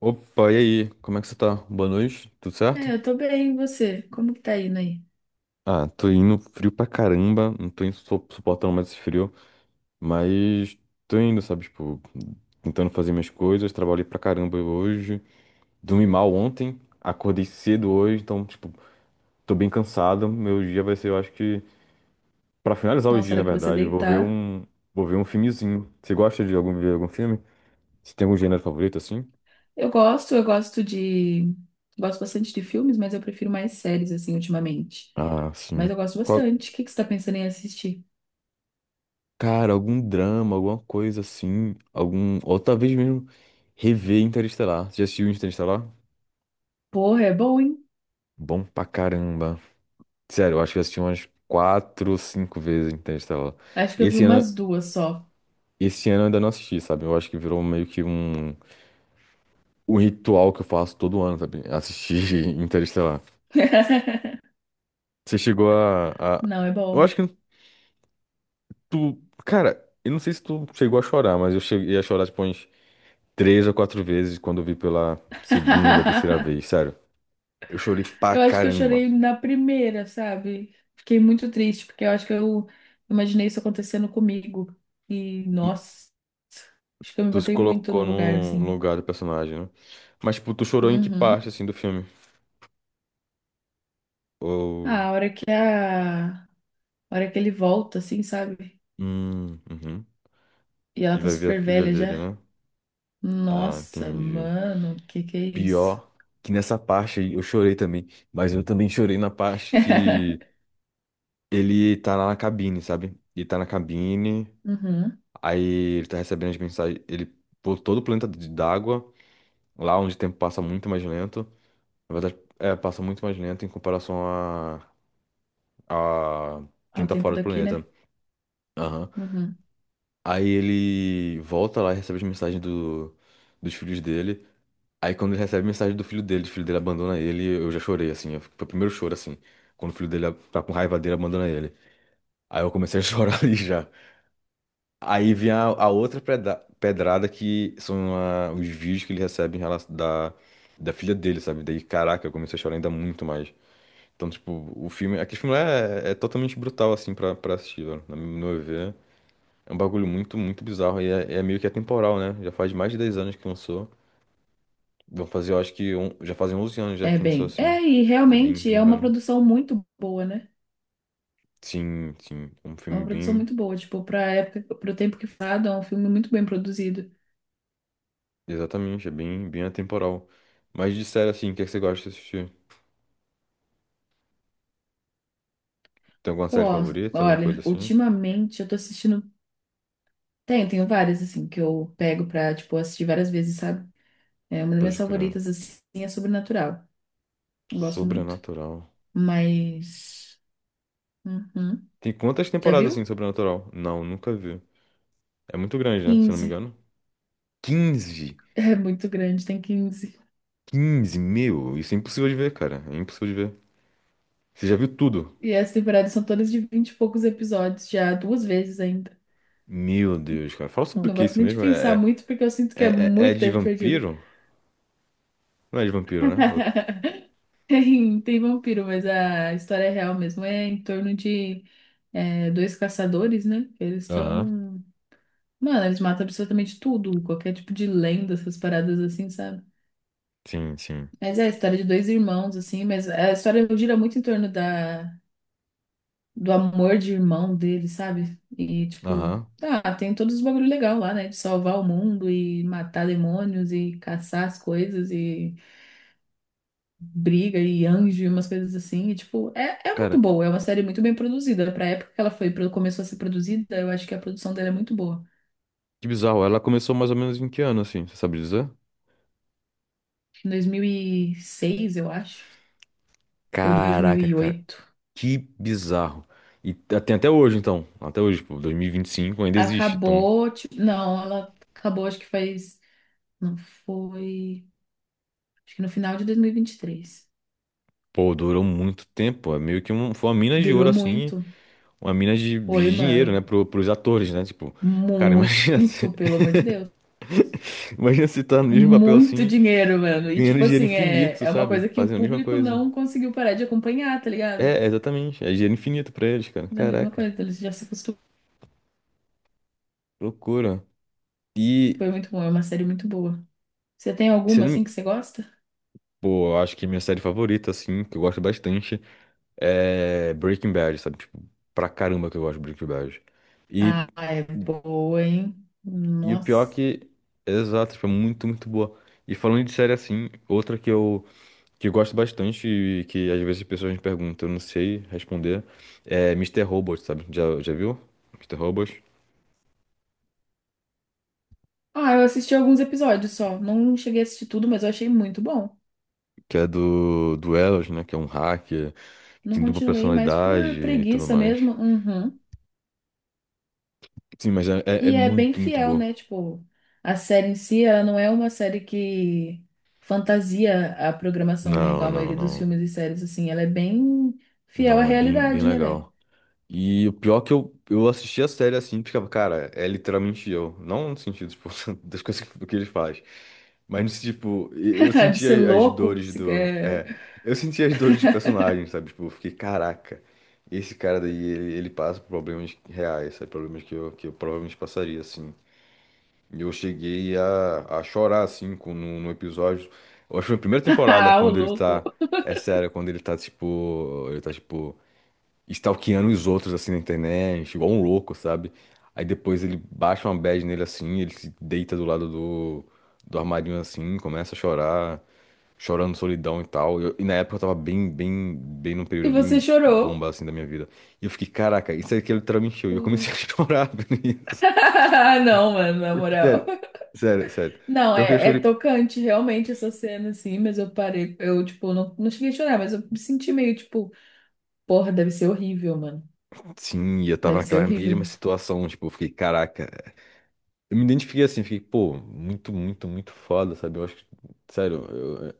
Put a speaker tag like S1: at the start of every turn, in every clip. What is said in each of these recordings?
S1: Opa, e aí? Como é que você tá? Boa noite, tudo certo?
S2: É, eu tô bem, e você? Como que tá indo aí?
S1: Ah, tô indo frio pra caramba, não tô suportando mais esse frio, mas tô indo, sabe? Tipo, tentando fazer minhas coisas, trabalhei pra caramba hoje, dormi mal ontem, acordei cedo hoje, então, tipo, tô bem cansado. Meu dia vai ser, eu acho que, pra finalizar o
S2: Nossa,
S1: dia,
S2: a
S1: na
S2: hora que você
S1: verdade, eu
S2: deitar.
S1: vou ver um filmezinho. Você gosta de algum, ver algum filme? Você tem algum gênero favorito assim?
S2: Eu gosto de. Gosto bastante de filmes, mas eu prefiro mais séries, assim, ultimamente.
S1: Ah,
S2: Mas
S1: sim.
S2: eu gosto
S1: Qual?
S2: bastante. O que que você tá pensando em assistir?
S1: Cara, algum drama, alguma coisa assim, algum. Ou talvez mesmo rever Interestelar. Você já assistiu Interestelar?
S2: Porra, é bom, hein?
S1: Bom pra caramba. Sério, eu acho que eu assisti umas quatro ou cinco vezes Interestelar.
S2: Acho que eu vi
S1: Esse ano,
S2: umas duas só.
S1: esse ano eu ainda não assisti, sabe? Eu acho que virou meio que um ritual que eu faço todo ano, sabe? Assistir Interestelar. Você chegou a, a-
S2: Não, é
S1: Eu
S2: bom.
S1: acho que tu. Cara, eu não sei se tu chegou a chorar, mas eu cheguei a chorar tipo umas três ou quatro vezes quando eu vi pela segunda ou terceira vez, sério. Eu chorei pra
S2: Eu acho que eu
S1: caramba.
S2: chorei na primeira, sabe? Fiquei muito triste, porque eu acho que eu imaginei isso acontecendo comigo. E, nossa, acho que eu me
S1: Tu se
S2: botei muito
S1: colocou
S2: no lugar,
S1: no
S2: assim.
S1: lugar do personagem, né? Mas, tipo, tu chorou em que parte,
S2: Uhum.
S1: assim, do filme? Ou.
S2: Ah, a hora que ele volta, assim, sabe?
S1: Uhum.
S2: E ela
S1: E
S2: tá
S1: vai ver a
S2: super
S1: filha
S2: velha
S1: dele,
S2: já.
S1: né? Ah,
S2: Nossa,
S1: entendi.
S2: mano, que é isso?
S1: Pior que nessa parte aí eu chorei também. Mas eu também chorei na parte que ele tá lá na cabine, sabe? Ele tá na cabine,
S2: Uhum.
S1: aí ele tá recebendo as mensagens. Ele pô todo o planeta d'água, lá onde o tempo passa muito mais lento. Na verdade, é, passa muito mais lento em comparação a quem
S2: Ao
S1: tá
S2: tempo
S1: fora do
S2: daqui, né?
S1: planeta. Aham.
S2: Uhum.
S1: Aí ele volta lá e recebe as mensagens dos filhos dele. Aí quando ele recebe a mensagem do filho dele, o filho dele abandona ele, eu já chorei, assim. Foi o primeiro choro, assim. Quando o filho dele tá com raiva dele, abandona ele. Aí eu comecei a chorar ali já. Aí vem a outra pedrada que são os vídeos que ele recebe em relação da filha dele, sabe? Daí, caraca, eu comecei a chorar ainda muito mais. Então, tipo, o filme. Aquele filme é totalmente brutal, assim, pra assistir, velho. No meu ver. É um bagulho muito, muito bizarro. E é meio que atemporal, né? Já faz mais de 10 anos que lançou. Vão fazer, eu acho que. Já fazem 11 anos já
S2: É
S1: que lançou
S2: bem.
S1: assim.
S2: É, e
S1: É bem,
S2: realmente
S1: bem
S2: é uma
S1: velho.
S2: produção muito boa, né?
S1: Sim, sim. Um
S2: É uma
S1: filme
S2: produção
S1: bem.
S2: muito boa, tipo, pra época, pro tempo que fado, é um filme muito bem produzido.
S1: Exatamente, é bem, bem atemporal. Mas de série assim, o que é que você gosta de assistir? Tem alguma
S2: Pô,
S1: série favorita? Alguma coisa
S2: olha,
S1: assim?
S2: ultimamente eu tô assistindo. Tenho várias, assim, que eu pego pra, tipo, assistir várias vezes, sabe? É uma das minhas
S1: Pode crer.
S2: favoritas, assim, é Sobrenatural. Eu gosto muito.
S1: Sobrenatural.
S2: Mas. Uhum.
S1: Tem quantas
S2: Já
S1: temporadas
S2: viu?
S1: assim, Sobrenatural? Não, nunca vi. É muito grande, né? Se eu não me
S2: 15.
S1: engano. Quinze,
S2: É muito grande, tem 15.
S1: quinze, meu! Isso é impossível de ver, cara. É impossível de ver. Você já viu tudo?
S2: E as temporadas são todas de 20 e poucos episódios, já duas vezes ainda.
S1: Meu Deus, cara. Fala sobre o
S2: Não
S1: que
S2: gosto
S1: isso
S2: nem de
S1: mesmo?
S2: pensar muito, porque eu sinto que é
S1: É, é
S2: muito
S1: de
S2: tempo perdido.
S1: vampiro? Não é de vampiro, né?
S2: Tem vampiro, mas a história é real mesmo. É em torno de dois caçadores, né? Eles
S1: Aham.
S2: são. Mano, eles matam absolutamente tudo, qualquer tipo de lenda, essas paradas assim, sabe?
S1: Sim, sim.
S2: Mas é a história de dois irmãos, assim, mas a história gira muito em torno da do amor de irmão dele, sabe? E, tipo,
S1: Aham.
S2: ah, tem todos os bagulho legal lá, né? De salvar o mundo e matar demônios e caçar as coisas e briga e anjo e umas coisas assim. E, tipo, é muito
S1: Cara,
S2: boa. É uma série muito bem produzida. Pra época que ela foi, começou a ser produzida, eu acho que a produção dela é muito boa.
S1: que bizarro. Ela começou mais ou menos em que ano, assim? Você sabe dizer?
S2: Em 2006, eu acho, ou dois mil
S1: Caraca,
S2: e
S1: cara.
S2: oito.
S1: Que bizarro. E tem até hoje, então. Até hoje, pô, 2025 ainda existe. Então,
S2: Acabou, tipo, não, ela acabou, acho que faz, não foi, acho que no final de dois mil e vinte e três.
S1: pô, durou muito tempo. É meio que foi uma mina de ouro,
S2: Durou
S1: assim.
S2: muito.
S1: Uma mina de,
S2: Foi,
S1: de dinheiro,
S2: mano.
S1: né? Pros atores, né? Tipo, cara, imagina se,
S2: Muito, pelo amor de Deus.
S1: imagina se tá no mesmo papel
S2: Muito
S1: assim.
S2: dinheiro, mano. E,
S1: Ganhando
S2: tipo
S1: dinheiro
S2: assim, é,
S1: infinito,
S2: é uma
S1: sabe?
S2: coisa que o
S1: Fazendo a mesma
S2: público
S1: coisa.
S2: não conseguiu parar de acompanhar, tá ligado?
S1: É, exatamente. É dinheiro infinito pra eles, cara.
S2: Mas é a mesma
S1: Caraca,
S2: coisa, eles já se acostumaram.
S1: loucura. E
S2: Foi muito bom, é uma série muito boa. Você tem
S1: se eu
S2: alguma,
S1: não
S2: assim, que
S1: me.
S2: você gosta?
S1: Pô, eu acho que minha série favorita, assim, que eu gosto bastante, é Breaking Bad, sabe? Tipo, pra caramba que eu gosto de Breaking Bad. E,
S2: Ah, é boa, hein?
S1: e o pior é
S2: Nossa.
S1: que. Exato, foi muito, muito boa. E falando de série assim, outra que eu gosto bastante e que às vezes as pessoas me perguntam, eu não sei responder, é Mister Robot, sabe? Já viu? Mister Robot.
S2: Ah, eu assisti alguns episódios só. Não cheguei a assistir tudo, mas eu achei muito bom.
S1: Que é do Elos, né? Que é um hacker,
S2: Não
S1: tem dupla
S2: continuei mais por
S1: personalidade e tudo
S2: preguiça
S1: mais.
S2: mesmo. Uhum.
S1: Sim, mas é
S2: E é bem
S1: muito, muito
S2: fiel,
S1: boa.
S2: né? Tipo, a série em si, ela não é uma série que fantasia a programação, né?
S1: Não,
S2: Igual a
S1: não,
S2: maioria dos
S1: não.
S2: filmes e séries, assim. Ela é bem fiel à
S1: Não, é bem, bem
S2: realidade, né, velho?
S1: legal. E o pior é que eu assisti a série assim, e ficava, cara, é literalmente eu. Não no sentido, tipo, das coisas que ele faz. Mas, no sentido, tipo, eu
S2: De
S1: senti
S2: ser
S1: as
S2: louco,
S1: dores
S2: se...
S1: do.
S2: é...
S1: É, eu senti as dores dos personagens, sabe? Tipo, eu fiquei, caraca, esse cara daí, ele passa por problemas reais, sabe? Problemas que eu provavelmente passaria, assim. E eu cheguei a chorar, assim, com, no, no episódio. Eu acho que foi a primeira temporada,
S2: Ah, o
S1: quando ele
S2: louco.
S1: tá. É sério, quando ele tá, tipo. Ele tá, tipo. Stalkeando os outros, assim, na internet, igual um louco, sabe? Aí depois ele baixa uma bad nele, assim, ele se deita do lado do armarinho, assim, começa a chorar, chorando solidão e tal. E na época eu tava bem, bem, bem num
S2: E
S1: período
S2: você
S1: bem
S2: chorou.
S1: bomba, assim, da minha vida. E eu fiquei, caraca, isso aqui é literalmente eu. E eu
S2: Pô.
S1: comecei a chorar por isso.
S2: Não, mano, na moral.
S1: Sério, sério, sério.
S2: Não,
S1: Pior que eu
S2: é
S1: chorei.
S2: tocante, realmente, essa cena, assim. Mas eu parei, eu, tipo, não cheguei a chorar, mas eu me senti meio, tipo, porra, deve ser horrível, mano.
S1: Sim, eu tava
S2: Deve ser
S1: naquela mesma
S2: horrível.
S1: situação, tipo, eu fiquei, caraca. Eu me identifiquei assim, fiquei, pô, muito, muito, muito foda, sabe? Eu acho que, sério, eu-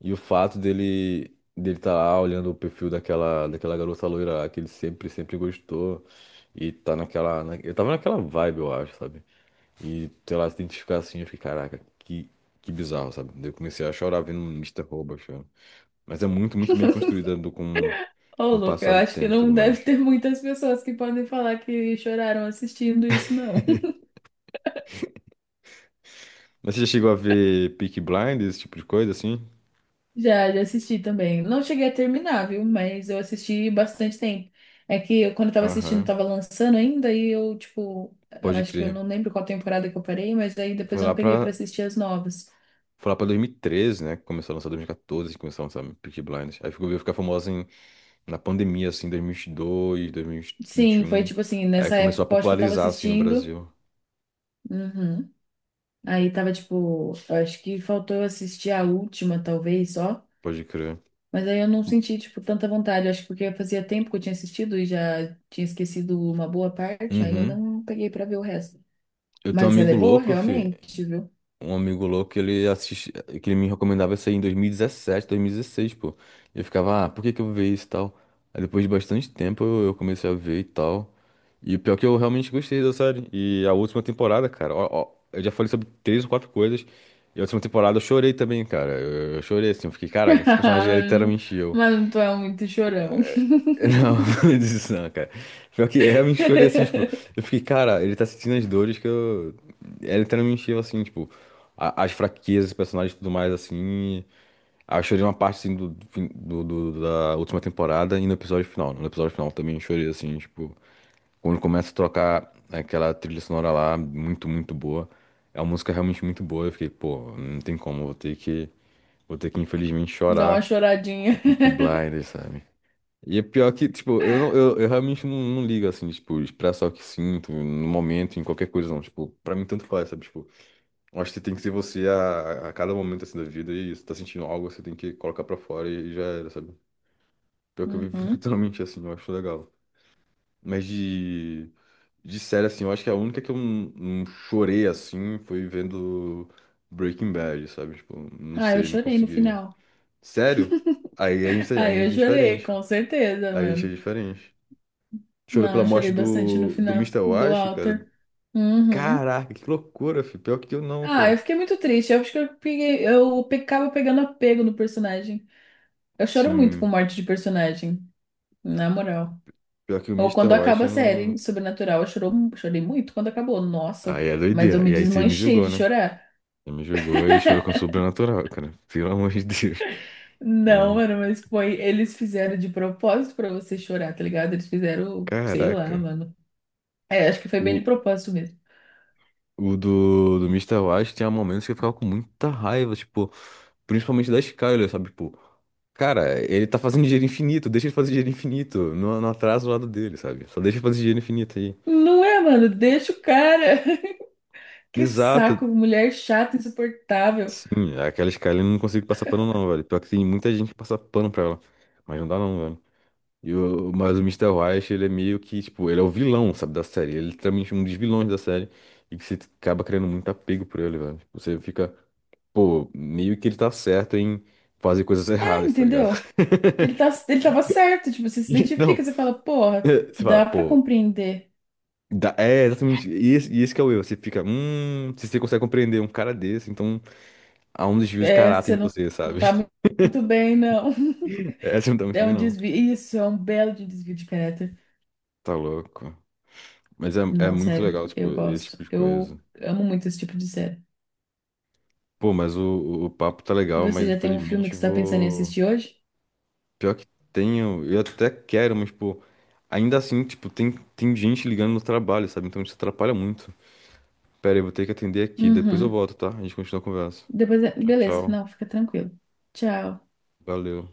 S1: e o fato dele tá lá olhando o perfil daquela garota loira lá, que ele sempre, sempre gostou, e tá naquela, eu tava naquela vibe, eu acho, sabe? E, sei lá, se identificar assim, eu fiquei, caraca, que bizarro, sabe? Daí eu comecei a chorar vendo Mr. Robot, chorando. Mas é muito, muito bem construída
S2: Ô,
S1: com o
S2: Luca,
S1: passar
S2: eu
S1: do
S2: acho que
S1: tempo e tudo
S2: não
S1: mais.
S2: deve ter muitas pessoas que podem falar que choraram assistindo isso, não.
S1: Mas você já chegou a ver Peaky Blinders, esse tipo de coisa, assim?
S2: Já assisti também. Não cheguei a terminar, viu? Mas eu assisti bastante tempo. É que eu, quando eu tava assistindo,
S1: Aham,
S2: tava lançando ainda e eu, tipo,
S1: pode
S2: acho que eu
S1: crer.
S2: não lembro qual temporada que eu parei, mas aí depois
S1: Foi
S2: eu
S1: lá
S2: não peguei pra
S1: pra,
S2: assistir as novas.
S1: foi lá pra 2013, né? Que começou a lançar 2014, que começou a lançar Peaky Blinders. Aí ficou, veio ficar famosa na pandemia, assim, 2022,
S2: Sim, foi
S1: 2021.
S2: tipo assim,
S1: Aí
S2: nessa
S1: começou
S2: época
S1: a
S2: eu acho que eu tava
S1: popularizar, assim, no
S2: assistindo.
S1: Brasil.
S2: Uhum. Aí tava tipo, eu acho que faltou eu assistir a última, talvez, só.
S1: Pode crer.
S2: Mas aí eu não senti, tipo, tanta vontade. Acho que porque fazia tempo que eu tinha assistido e já tinha esquecido uma boa parte, aí eu
S1: Uhum.
S2: não peguei pra ver o resto.
S1: Eu tenho um
S2: Mas ela
S1: amigo
S2: é boa,
S1: louco, fi.
S2: realmente, viu?
S1: Um amigo louco, ele assiste, que ele me recomendava isso aí em dois mil e dezessete, dois mil e dezesseis, pô. E eu ficava, ah, por que que eu vou ver isso e tal? Aí depois de bastante tempo eu comecei a ver e tal. E o pior é que eu realmente gostei da série. E a última temporada, cara, ó, ó, eu já falei sobre três ou quatro coisas. E a última temporada eu chorei também, cara. Eu chorei assim, eu fiquei, caraca, esse personagem é literalmente eu.
S2: Mas tu é muito chorão.
S1: Não, não disse isso não, cara. Pior que eu realmente chorei assim, tipo, eu fiquei, cara, ele tá sentindo as dores que eu. Ele tá me encheu assim, tipo, as fraquezas, dos personagens e tudo mais, assim. Aí eu chorei uma parte assim do, do, fim- do, do- da última temporada e no episódio final. No episódio final também eu chorei assim, tipo, quando começa a tocar aquela trilha sonora lá, muito, muito boa. É uma música realmente muito boa. Eu fiquei, pô, não tem como, vou ter que, infelizmente
S2: Dá
S1: chorar
S2: uma
S1: o
S2: choradinha.
S1: Peaky Blinders, sabe? E é pior que, tipo, não, eu realmente não, não ligo, assim, tipo, expressar o que sinto no momento, em qualquer coisa, não. Tipo, pra mim tanto faz, sabe? Tipo, eu acho que tem que ser você a cada momento, assim, da vida e se tá sentindo algo, você tem que colocar pra fora e já era, sabe? Pior que eu vivo
S2: Uhum.
S1: literalmente assim, eu acho legal. Mas de série, assim, eu acho que a única que eu não, não chorei, assim, foi vendo Breaking Bad, sabe? Tipo, não
S2: Ah, eu
S1: sei, não
S2: chorei no
S1: consegui.
S2: final.
S1: Sério? Aí a gente, a
S2: Ah, eu
S1: gente é
S2: chorei,
S1: diferente.
S2: com certeza,
S1: Aí a gente é
S2: mano.
S1: diferente. Chorou
S2: Não,
S1: pela
S2: eu
S1: morte
S2: chorei bastante no
S1: do
S2: final
S1: Mister
S2: do
S1: Wash, cara.
S2: Alter. Uhum.
S1: Caraca, que loucura, filho. Pior que eu não,
S2: Ah, eu
S1: cara.
S2: fiquei muito triste. Eu acho que eu peguei, eu pe- acabo pegando apego no personagem. Eu choro muito com
S1: Sim,
S2: morte de personagem, na moral.
S1: pior que o
S2: Ou
S1: Mister
S2: quando
S1: Wash
S2: acaba a
S1: eu não.
S2: série Sobrenatural, eu chorei muito quando acabou. Nossa,
S1: Aí é
S2: mas eu
S1: doideira.
S2: me
S1: E aí você me
S2: desmanchei
S1: julgou,
S2: de
S1: né?
S2: chorar.
S1: Você me julgou e chorou com o Sobrenatural, cara. Pelo amor de Deus. Pelo amor
S2: Não,
S1: de-
S2: mano, mas foi. Eles fizeram de propósito pra você chorar, tá ligado? Eles fizeram, sei lá,
S1: Caraca.
S2: mano. É, acho que foi bem de
S1: O,
S2: propósito mesmo.
S1: o do Mister Wash tinha momentos que eu ficava com muita raiva, tipo, principalmente da Skyler, sabe? Tipo, cara, ele tá fazendo dinheiro infinito, deixa ele fazer dinheiro infinito. Não, não atrasa o lado dele, sabe? Só deixa ele fazer dinheiro infinito aí.
S2: Não é, mano? Deixa o cara. Que
S1: Exato.
S2: saco, mulher chata, insuportável.
S1: Sim, aquela Skyline eu não consigo passar pano não, velho. Pior que tem muita gente que passa pano pra ela. Mas não dá não, velho. Mas o Mister White, ele é meio que, tipo, ele é o vilão, sabe, da série. Ele é literalmente um dos vilões da série. E que você acaba criando muito apego por ele, velho. Tipo, você fica, pô, meio que ele tá certo em fazer coisas
S2: É,
S1: erradas, tá ligado?
S2: entendeu? Ele tava certo, tipo, você se identifica,
S1: Não,
S2: você fala, porra,
S1: é, você fala,
S2: dá pra
S1: pô,
S2: compreender.
S1: é exatamente. E esse que é o erro. Você fica, se você consegue compreender um cara desse, então há um desvio de
S2: É,
S1: caráter
S2: você
S1: em
S2: não
S1: você,
S2: não
S1: sabe?
S2: tá muito bem, não.
S1: Essa não tá muito
S2: É
S1: bem,
S2: um
S1: não.
S2: desvio. Isso, é um belo de desvio de caráter.
S1: Tá louco. Mas é
S2: Não,
S1: muito
S2: sério,
S1: legal, tipo,
S2: eu
S1: esse
S2: gosto.
S1: tipo de coisa.
S2: Eu amo muito esse tipo de série.
S1: Pô, mas o papo tá
S2: E
S1: legal,
S2: você
S1: mas
S2: já tem um filme
S1: infelizmente
S2: que
S1: eu
S2: você tá pensando em
S1: vou.
S2: assistir hoje?
S1: Pior que tenho, eu até quero, mas, pô, ainda assim, tipo, tem gente ligando no trabalho, sabe? Então isso atrapalha muito. Pera aí, eu vou ter que atender aqui, depois eu
S2: Uhum.
S1: volto, tá? A gente continua a conversa.
S2: Depois,
S1: Tchau,
S2: beleza,
S1: tchau.
S2: não, fica tranquilo. Tchau.
S1: Valeu.